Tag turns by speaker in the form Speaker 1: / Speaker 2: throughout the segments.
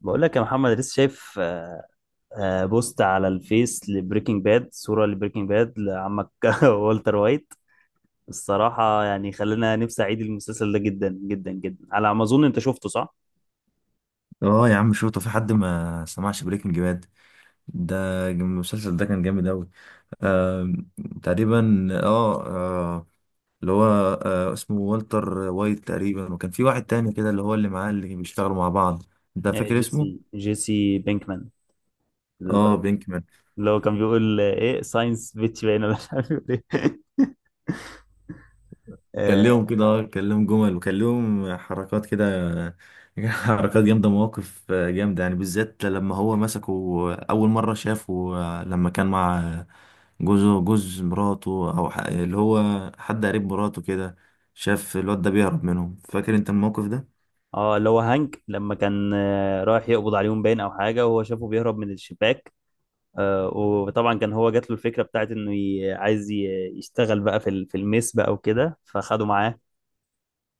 Speaker 1: بقول لك يا محمد لسه شايف بوست على الفيس لبريكنج باد، صورة لبريكنج باد لعمك والتر وايت. الصراحة يعني خلينا نفسي أعيد المسلسل ده جدا جدا جدا. على ما أظن أنت شفته، صح؟
Speaker 2: اه يا عم شوطه في حد ما سمعش بريكنج باد ده؟ المسلسل ده كان جامد اوي. آه، تقريبا اه، اللي هو آه اسمه والتر وايت تقريبا، وكان في واحد تاني كده اللي هو اللي معاه اللي بيشتغلوا مع بعض. انت فاكر
Speaker 1: جيسي،
Speaker 2: اسمه؟
Speaker 1: بينكمان
Speaker 2: اه، بينكمان.
Speaker 1: اللي هو كان بيقول إيه ساينس بيتش باين، ولا مش عارف بيقول إيه. آه
Speaker 2: كلمهم كده، اه كلمهم جمل وكلمهم حركات كده. حركات جامدة، مواقف جامدة يعني، بالذات لما هو مسكه أول مرة شافه، لما كان مع جوزه، جوز مراته، أو اللي هو حد قريب مراته كده، شاف الواد ده بيهرب منهم. فاكر أنت الموقف ده؟
Speaker 1: آه، اللي هو هانك لما كان رايح يقبض عليهم باين أو حاجة، وهو شافه بيهرب من الشباك. آه، وطبعا كان هو جات له الفكره بتاعت انه عايز يشتغل بقى في الميس بقى وكده، فخده معاه.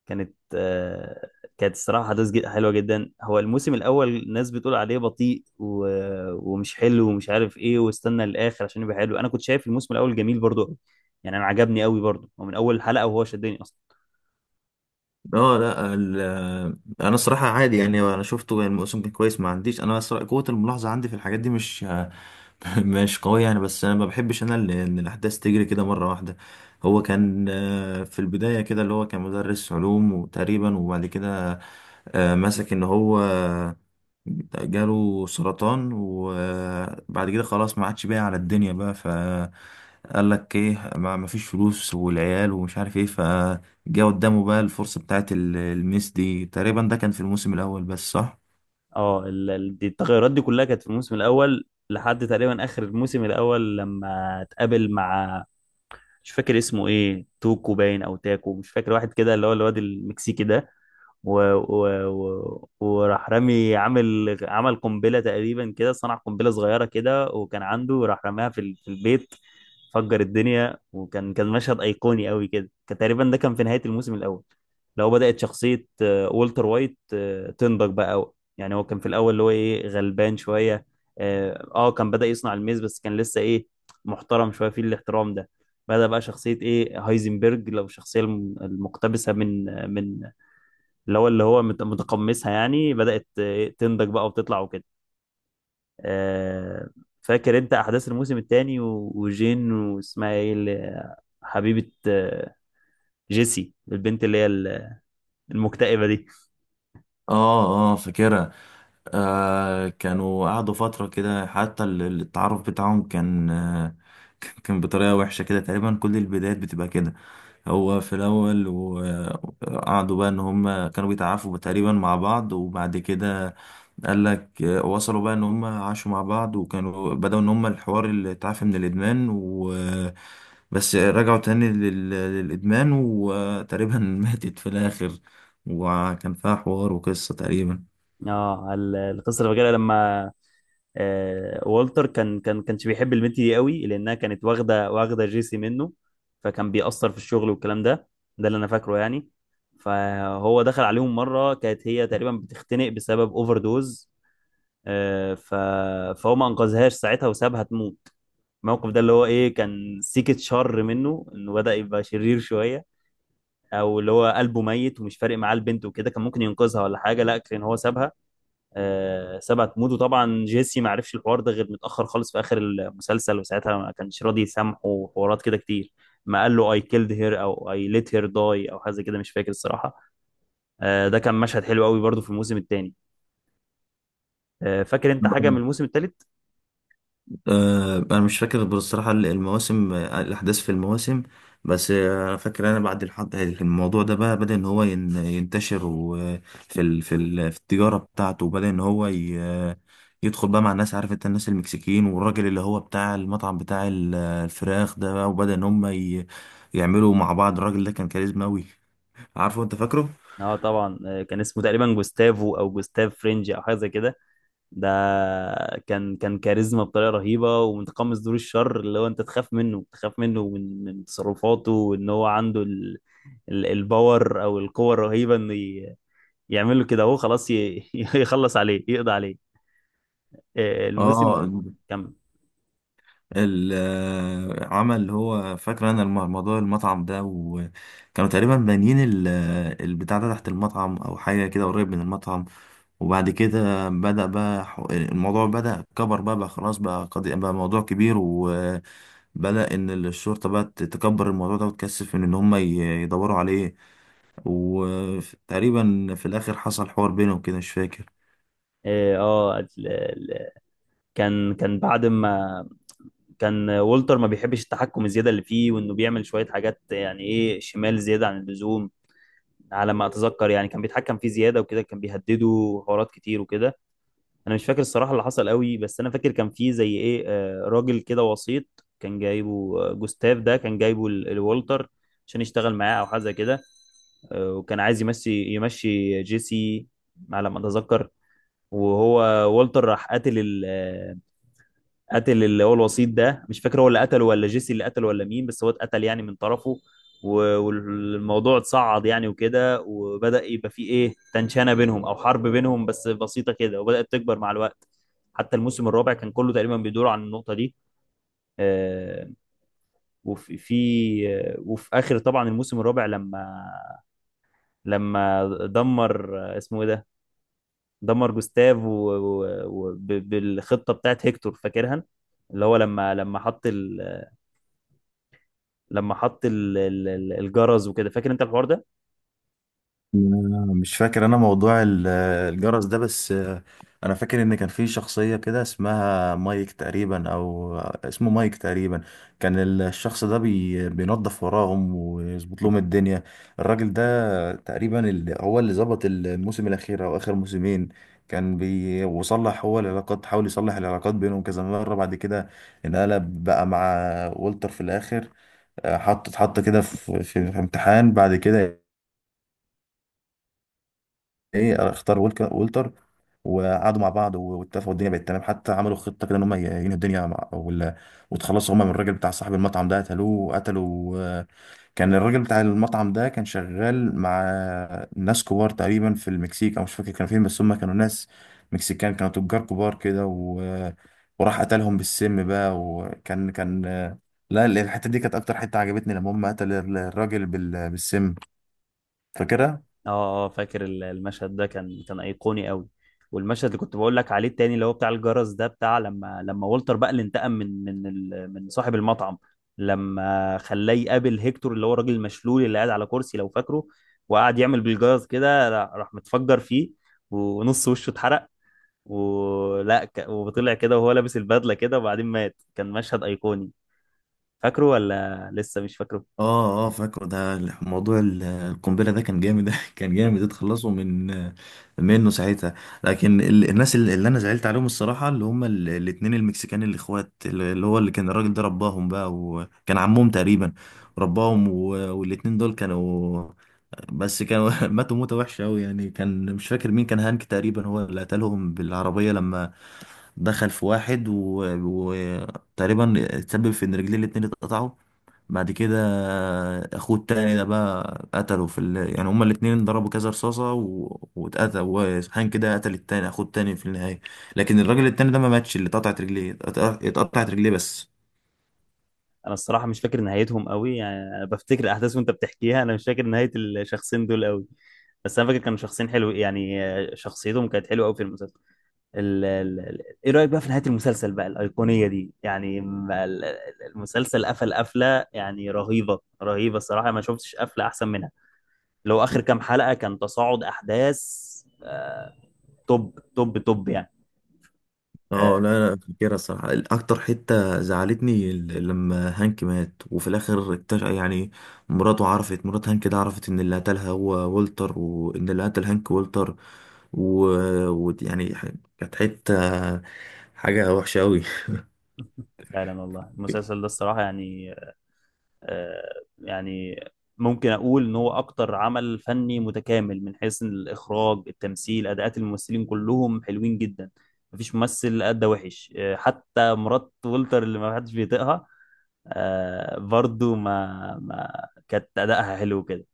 Speaker 1: كانت آه، كانت الصراحه حلوه جدا. هو الموسم الاول الناس بتقول عليه بطيء ومش حلو ومش عارف ايه، واستنى للاخر عشان يبقى حلو. انا كنت شايف الموسم الاول جميل برضو قوي، يعني انا عجبني قوي برضو، ومن اول حلقه وهو شدني اصلا.
Speaker 2: اه، لا ال- انا الصراحه عادي يعني، انا شفته يعني، الموسم كان كويس. ما عنديش انا الصراحة قوه الملاحظه عندي في الحاجات دي، مش مش قويه يعني. بس انا ما بحبش ان الاحداث تجري كده مره واحده. هو كان في البدايه كده اللي هو كان مدرس علوم، وتقريبا وبعد كده مسك ان هو جاله سرطان، وبعد كده خلاص ما عادش باقي على الدنيا بقى، فقال لك ايه، ما فيش فلوس والعيال ومش عارف ايه، فجاء قدامه بقى الفرصة بتاعت الميس دي. تقريبا ده كان في الموسم الأول بس، صح؟
Speaker 1: اه، دي التغيرات دي كلها كانت في الموسم الاول، لحد تقريبا اخر الموسم الاول لما اتقابل مع، مش فاكر اسمه ايه، توكو باين او تاكو مش فاكر، واحد كده اللي هو الواد المكسيكي ده. و وراح رامي عامل، عمل قنبله تقريبا كده، صنع قنبله صغيره كده وكان عنده، راح رماها في البيت، فجر الدنيا. وكان مشهد ايقوني قوي كده، كان تقريبا ده كان في نهايه الموسم الاول. لو بدات شخصيه والتر وايت تنضج بقى أوي. يعني هو كان في الاول اللي هو ايه، غلبان شويه. اه، كان بدا يصنع الميز، بس كان لسه ايه، محترم شويه في الاحترام ده. بدأ بقى شخصية إيه، هايزنبرج، لو الشخصية المقتبسة من من اللي هو متقمصها يعني بدأت تنضج بقى وتطلع وكده. آه، فاكر انت احداث الموسم الثاني، وجين واسمها ايه اللي حبيبة جيسي، البنت اللي هي المكتئبة دي؟
Speaker 2: اه اه فاكرها. آه، كانوا قعدوا فترة كده، حتى التعارف بتاعهم كان آه كان بطريقة وحشة كده. تقريبا كل البدايات بتبقى كده. هو في الأول، وقعدوا بقى إن هم كانوا بيتعافوا تقريبا مع بعض، وبعد كده قال لك وصلوا بقى إن هم عاشوا مع بعض، وكانوا بدأوا إن هم الحوار اللي اتعافى من الإدمان، و بس رجعوا تاني للإدمان، وتقريبا ماتت في الآخر. وكان فيها حوار وقصة تقريبا.
Speaker 1: اه، القصة اللي فاكرها لما والتر كان كانش بيحب البنت دي قوي لانها كانت واخدة جيسي منه، فكان بيأثر في الشغل والكلام ده. ده اللي انا فاكره يعني. فهو دخل عليهم مرة، كانت هي تقريبا بتختنق بسبب اوفر دوز. آه، ف... فهو ما انقذهاش ساعتها، وسابها تموت. الموقف ده اللي هو ايه، كان سيكة شر منه، انه بدأ يبقى شرير شوية. او اللي هو قلبه ميت ومش فارق معاه البنت وكده، كان ممكن ينقذها ولا حاجة، لا كان هو سابها، آه، سابها تموت. وطبعا جيسي ما عرفش الحوار ده غير متأخر خالص في آخر المسلسل، وساعتها ما كانش راضي يسامحه، وحوارات كده كتير. ما قال له I killed her او I let her die او حاجة زي كده، مش فاكر الصراحة. آه، ده كان مشهد حلو قوي برضو في الموسم الثاني. آه، فاكر انت حاجة من الموسم الثالث؟
Speaker 2: آه، انا مش فاكر بصراحه المواسم، آه، الاحداث في المواسم. بس آه، انا فاكر انا بعد الموضوع ده بقى بدا ان هو ينتشر، وفي في التجاره بتاعته، وبدا ان هو ي... يدخل بقى مع الناس. عارف انت الناس المكسيكيين، والراجل اللي هو بتاع المطعم بتاع الفراخ ده بقى، وبدا ان هم ي... يعملوا مع بعض. الراجل ده كان كاريزما قوي، عارفه انت، فاكره؟
Speaker 1: اه طبعا، آه، كان اسمه تقريبا جوستافو او جوستاف فرنج او حاجه زي كده. ده كان كاريزما بطريقه رهيبه، ومتقمص دور الشر اللي هو انت تخاف منه، تخاف منه من تصرفاته، وان هو عنده الباور او القوه الرهيبه انه يعمل له كده، هو خلاص يخلص عليه، يقضي عليه. آه، الموسم
Speaker 2: اه،
Speaker 1: كم؟
Speaker 2: العمل اللي هو فاكر انا موضوع المطعم ده، وكانوا تقريبا بانيين البتاع ده تحت المطعم، او حاجه كده قريب من المطعم. وبعد كده بدأ بقى، الموضوع بدأ كبر بقى, بقى خلاص بقى قضية بقى موضوع كبير، وبدأ ان الشرطه بقى تكبر الموضوع ده، وتكثف من ان هم يدوروا عليه. وتقريبا في الاخر حصل حوار بينهم كده، مش فاكر.
Speaker 1: اه، آه، كان بعد ما كان والتر ما بيحبش التحكم الزياده اللي فيه، وانه بيعمل شويه حاجات يعني ايه، شمال زياده عن اللزوم. على ما اتذكر يعني كان بيتحكم فيه زياده وكده، كان بيهدده حوارات كتير وكده. انا مش فاكر الصراحه اللي حصل قوي، بس انا فاكر كان فيه زي ايه راجل كده وسيط، كان جايبه جوستاف، ده كان جايبه الوالتر عشان يشتغل معاه او حاجه زي كده. آه، وكان عايز يمشي، جيسي على ما اتذكر. وهو والتر راح قاتل، قتل اللي هو الوسيط ده، مش فاكر هو اللي قتله ولا جيسي اللي قتله ولا مين، بس هو اتقتل يعني من طرفه. والموضوع اتصعد يعني وكده، وبدأ يبقى فيه ايه، تنشانة بينهم او حرب بينهم بس بسيطة كده، وبدأت تكبر مع الوقت. حتى الموسم الرابع كان كله تقريبا بيدور عن النقطة دي. آه، وفي آه، وفي اخر طبعا الموسم الرابع، لما دمر اسمه ايه ده، دمر جوستاف و بالخطة بتاعت هيكتور، فاكرها؟ اللي هو لما حط لما حط الجرس وكده، فاكر انت الحوار ده؟
Speaker 2: أنا مش فاكر انا موضوع الجرس ده. بس آه، انا فاكر ان كان في شخصية كده اسمها مايك تقريبا، او اسمه مايك تقريبا. كان الشخص ده بينظف وراهم ويظبط لهم الدنيا. الراجل ده تقريبا هو اللي ظبط الموسم الاخير او اخر موسمين. كان وصلح هو العلاقات، حاول يصلح العلاقات بينهم كذا مرة. بعد كده انقلب بقى مع والتر في الاخر. آه، اتحط كده في امتحان. بعد كده ايه، اختار ولتر، وقعدوا مع بعض واتفقوا، الدنيا بقت تمام. حتى عملوا خطه كده ان هم ينهوا الدنيا مع وتخلصوا هم من الراجل بتاع صاحب المطعم ده، قتلوه وقتلوا آه، كان الراجل بتاع المطعم ده كان شغال مع ناس كبار تقريبا في المكسيك، او مش فاكر كانوا فين، بس هم كانوا ناس مكسيكان، كانوا تجار كبار كده. وراح قتلهم بالسم بقى. وكان آه، لا، الحته دي كانت اكتر حته عجبتني، لما هم قتل الراجل بالسم، فاكرها؟
Speaker 1: اه اه، فاكر المشهد ده كان ايقوني قوي. والمشهد اللي كنت بقول لك عليه التاني اللي هو بتاع الجرس ده، بتاع لما والتر بقى اللي انتقم من من صاحب المطعم، لما خلاه يقابل هيكتور اللي هو الراجل المشلول اللي قاعد على كرسي، لو فاكره. وقعد يعمل بالجرس كده، راح متفجر فيه، ونص وشه اتحرق، وطلع كده وهو لابس البدلة كده وبعدين مات. كان مشهد ايقوني، فاكره ولا لسه مش فاكره؟
Speaker 2: اه اه فاكره. ده ال- موضوع القنبله ده كان جامد، كان جامد، اتخلصوا من منه ساعتها. لكن الناس اللي انا زعلت عليهم الصراحه اللي هم الاتنين المكسيكان، الاخوات اللي كان الراجل ده رباهم بقى، وكان عمهم تقريبا رباهم. والاتنين دول كانوا، بس كانوا ماتوا موته وحشه قوي يعني. كان مش فاكر مين كان، هانك تقريبا هو اللي قتلهم بالعربيه، لما دخل في واحد وتقريبا تسبب في ان رجليه الاتنين اتقطعوا. بعد كده اخوه التاني ده بقى قتله في ال... يعني هما الاتنين ضربوا كذا رصاصة واتقتل، وسبحان كده قتل التاني اخوه التاني في النهاية. لكن الراجل التاني ده ما ماتش اللي اتقطعت رجليه، اتقطعت رجليه بس.
Speaker 1: انا الصراحه مش فاكر نهايتهم قوي يعني، انا بفتكر الاحداث وانت بتحكيها، انا مش فاكر نهايه الشخصين دول قوي. بس انا فاكر كانوا شخصين حلو يعني، شخصيتهم كانت حلوه قوي في المسلسل. ايه رايك بقى في نهايه المسلسل بقى الايقونيه دي؟ يعني ما المسلسل قفل قفله يعني رهيبه، الصراحه ما شفتش قفله احسن منها. لو اخر كام حلقه كان تصاعد احداث، آه، توب توب توب يعني. آه،
Speaker 2: اه لا لا فاكرها الصراحة. أكتر حتة زعلتني لما هانك مات، وفي الآخر اكتشف يعني، مراته عرفت، مرات هانك ده، عرفت إن اللي قتلها هو والتر، وإن اللي قتل هانك والتر. ويعني يعني كانت حتة، حاجة وحشة أوي.
Speaker 1: فعلا والله المسلسل ده الصراحه يعني، آه، يعني ممكن اقول ان هو اكتر عمل فني متكامل، من حيث الاخراج، التمثيل، اداءات الممثلين كلهم حلوين جدا. مفيش ممثل ادى وحش، حتى مرات ولتر اللي ما حدش بيطيقها برضو ما كانت ادائها حلو كده.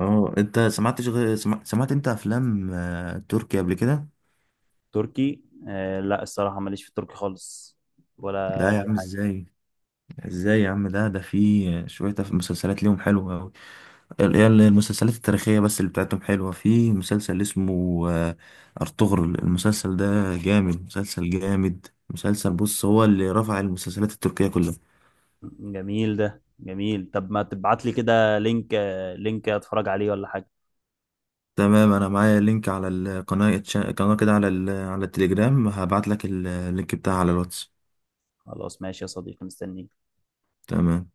Speaker 2: اه، أنت سمعتش غير سمعت أنت أفلام آه، تركي قبل كده؟
Speaker 1: تركي؟ آه، لا الصراحة ماليش في التركي خالص ولا
Speaker 2: لا يا
Speaker 1: اي
Speaker 2: عم،
Speaker 1: حاجة.
Speaker 2: ازاي، ازاي يا عم، ده في شوية مسلسلات ليهم حلوة أوي. هي المسلسلات التاريخية بس اللي بتاعتهم حلوة. في مسلسل اسمه آه، أرطغرل. المسلسل ده جامد، مسلسل جامد مسلسل. بص، هو اللي رفع المسلسلات التركية كلها.
Speaker 1: جميل ده جميل، طب ما تبعت لي كده لينك، لينك اتفرج عليه ولا حاجة.
Speaker 2: تمام، أنا معايا لينك على القناة، قناة كده على على التليجرام، هبعت لك اللينك بتاعها على الواتس.
Speaker 1: خلاص ماشي يا صديقي، مستنيك.
Speaker 2: تمام.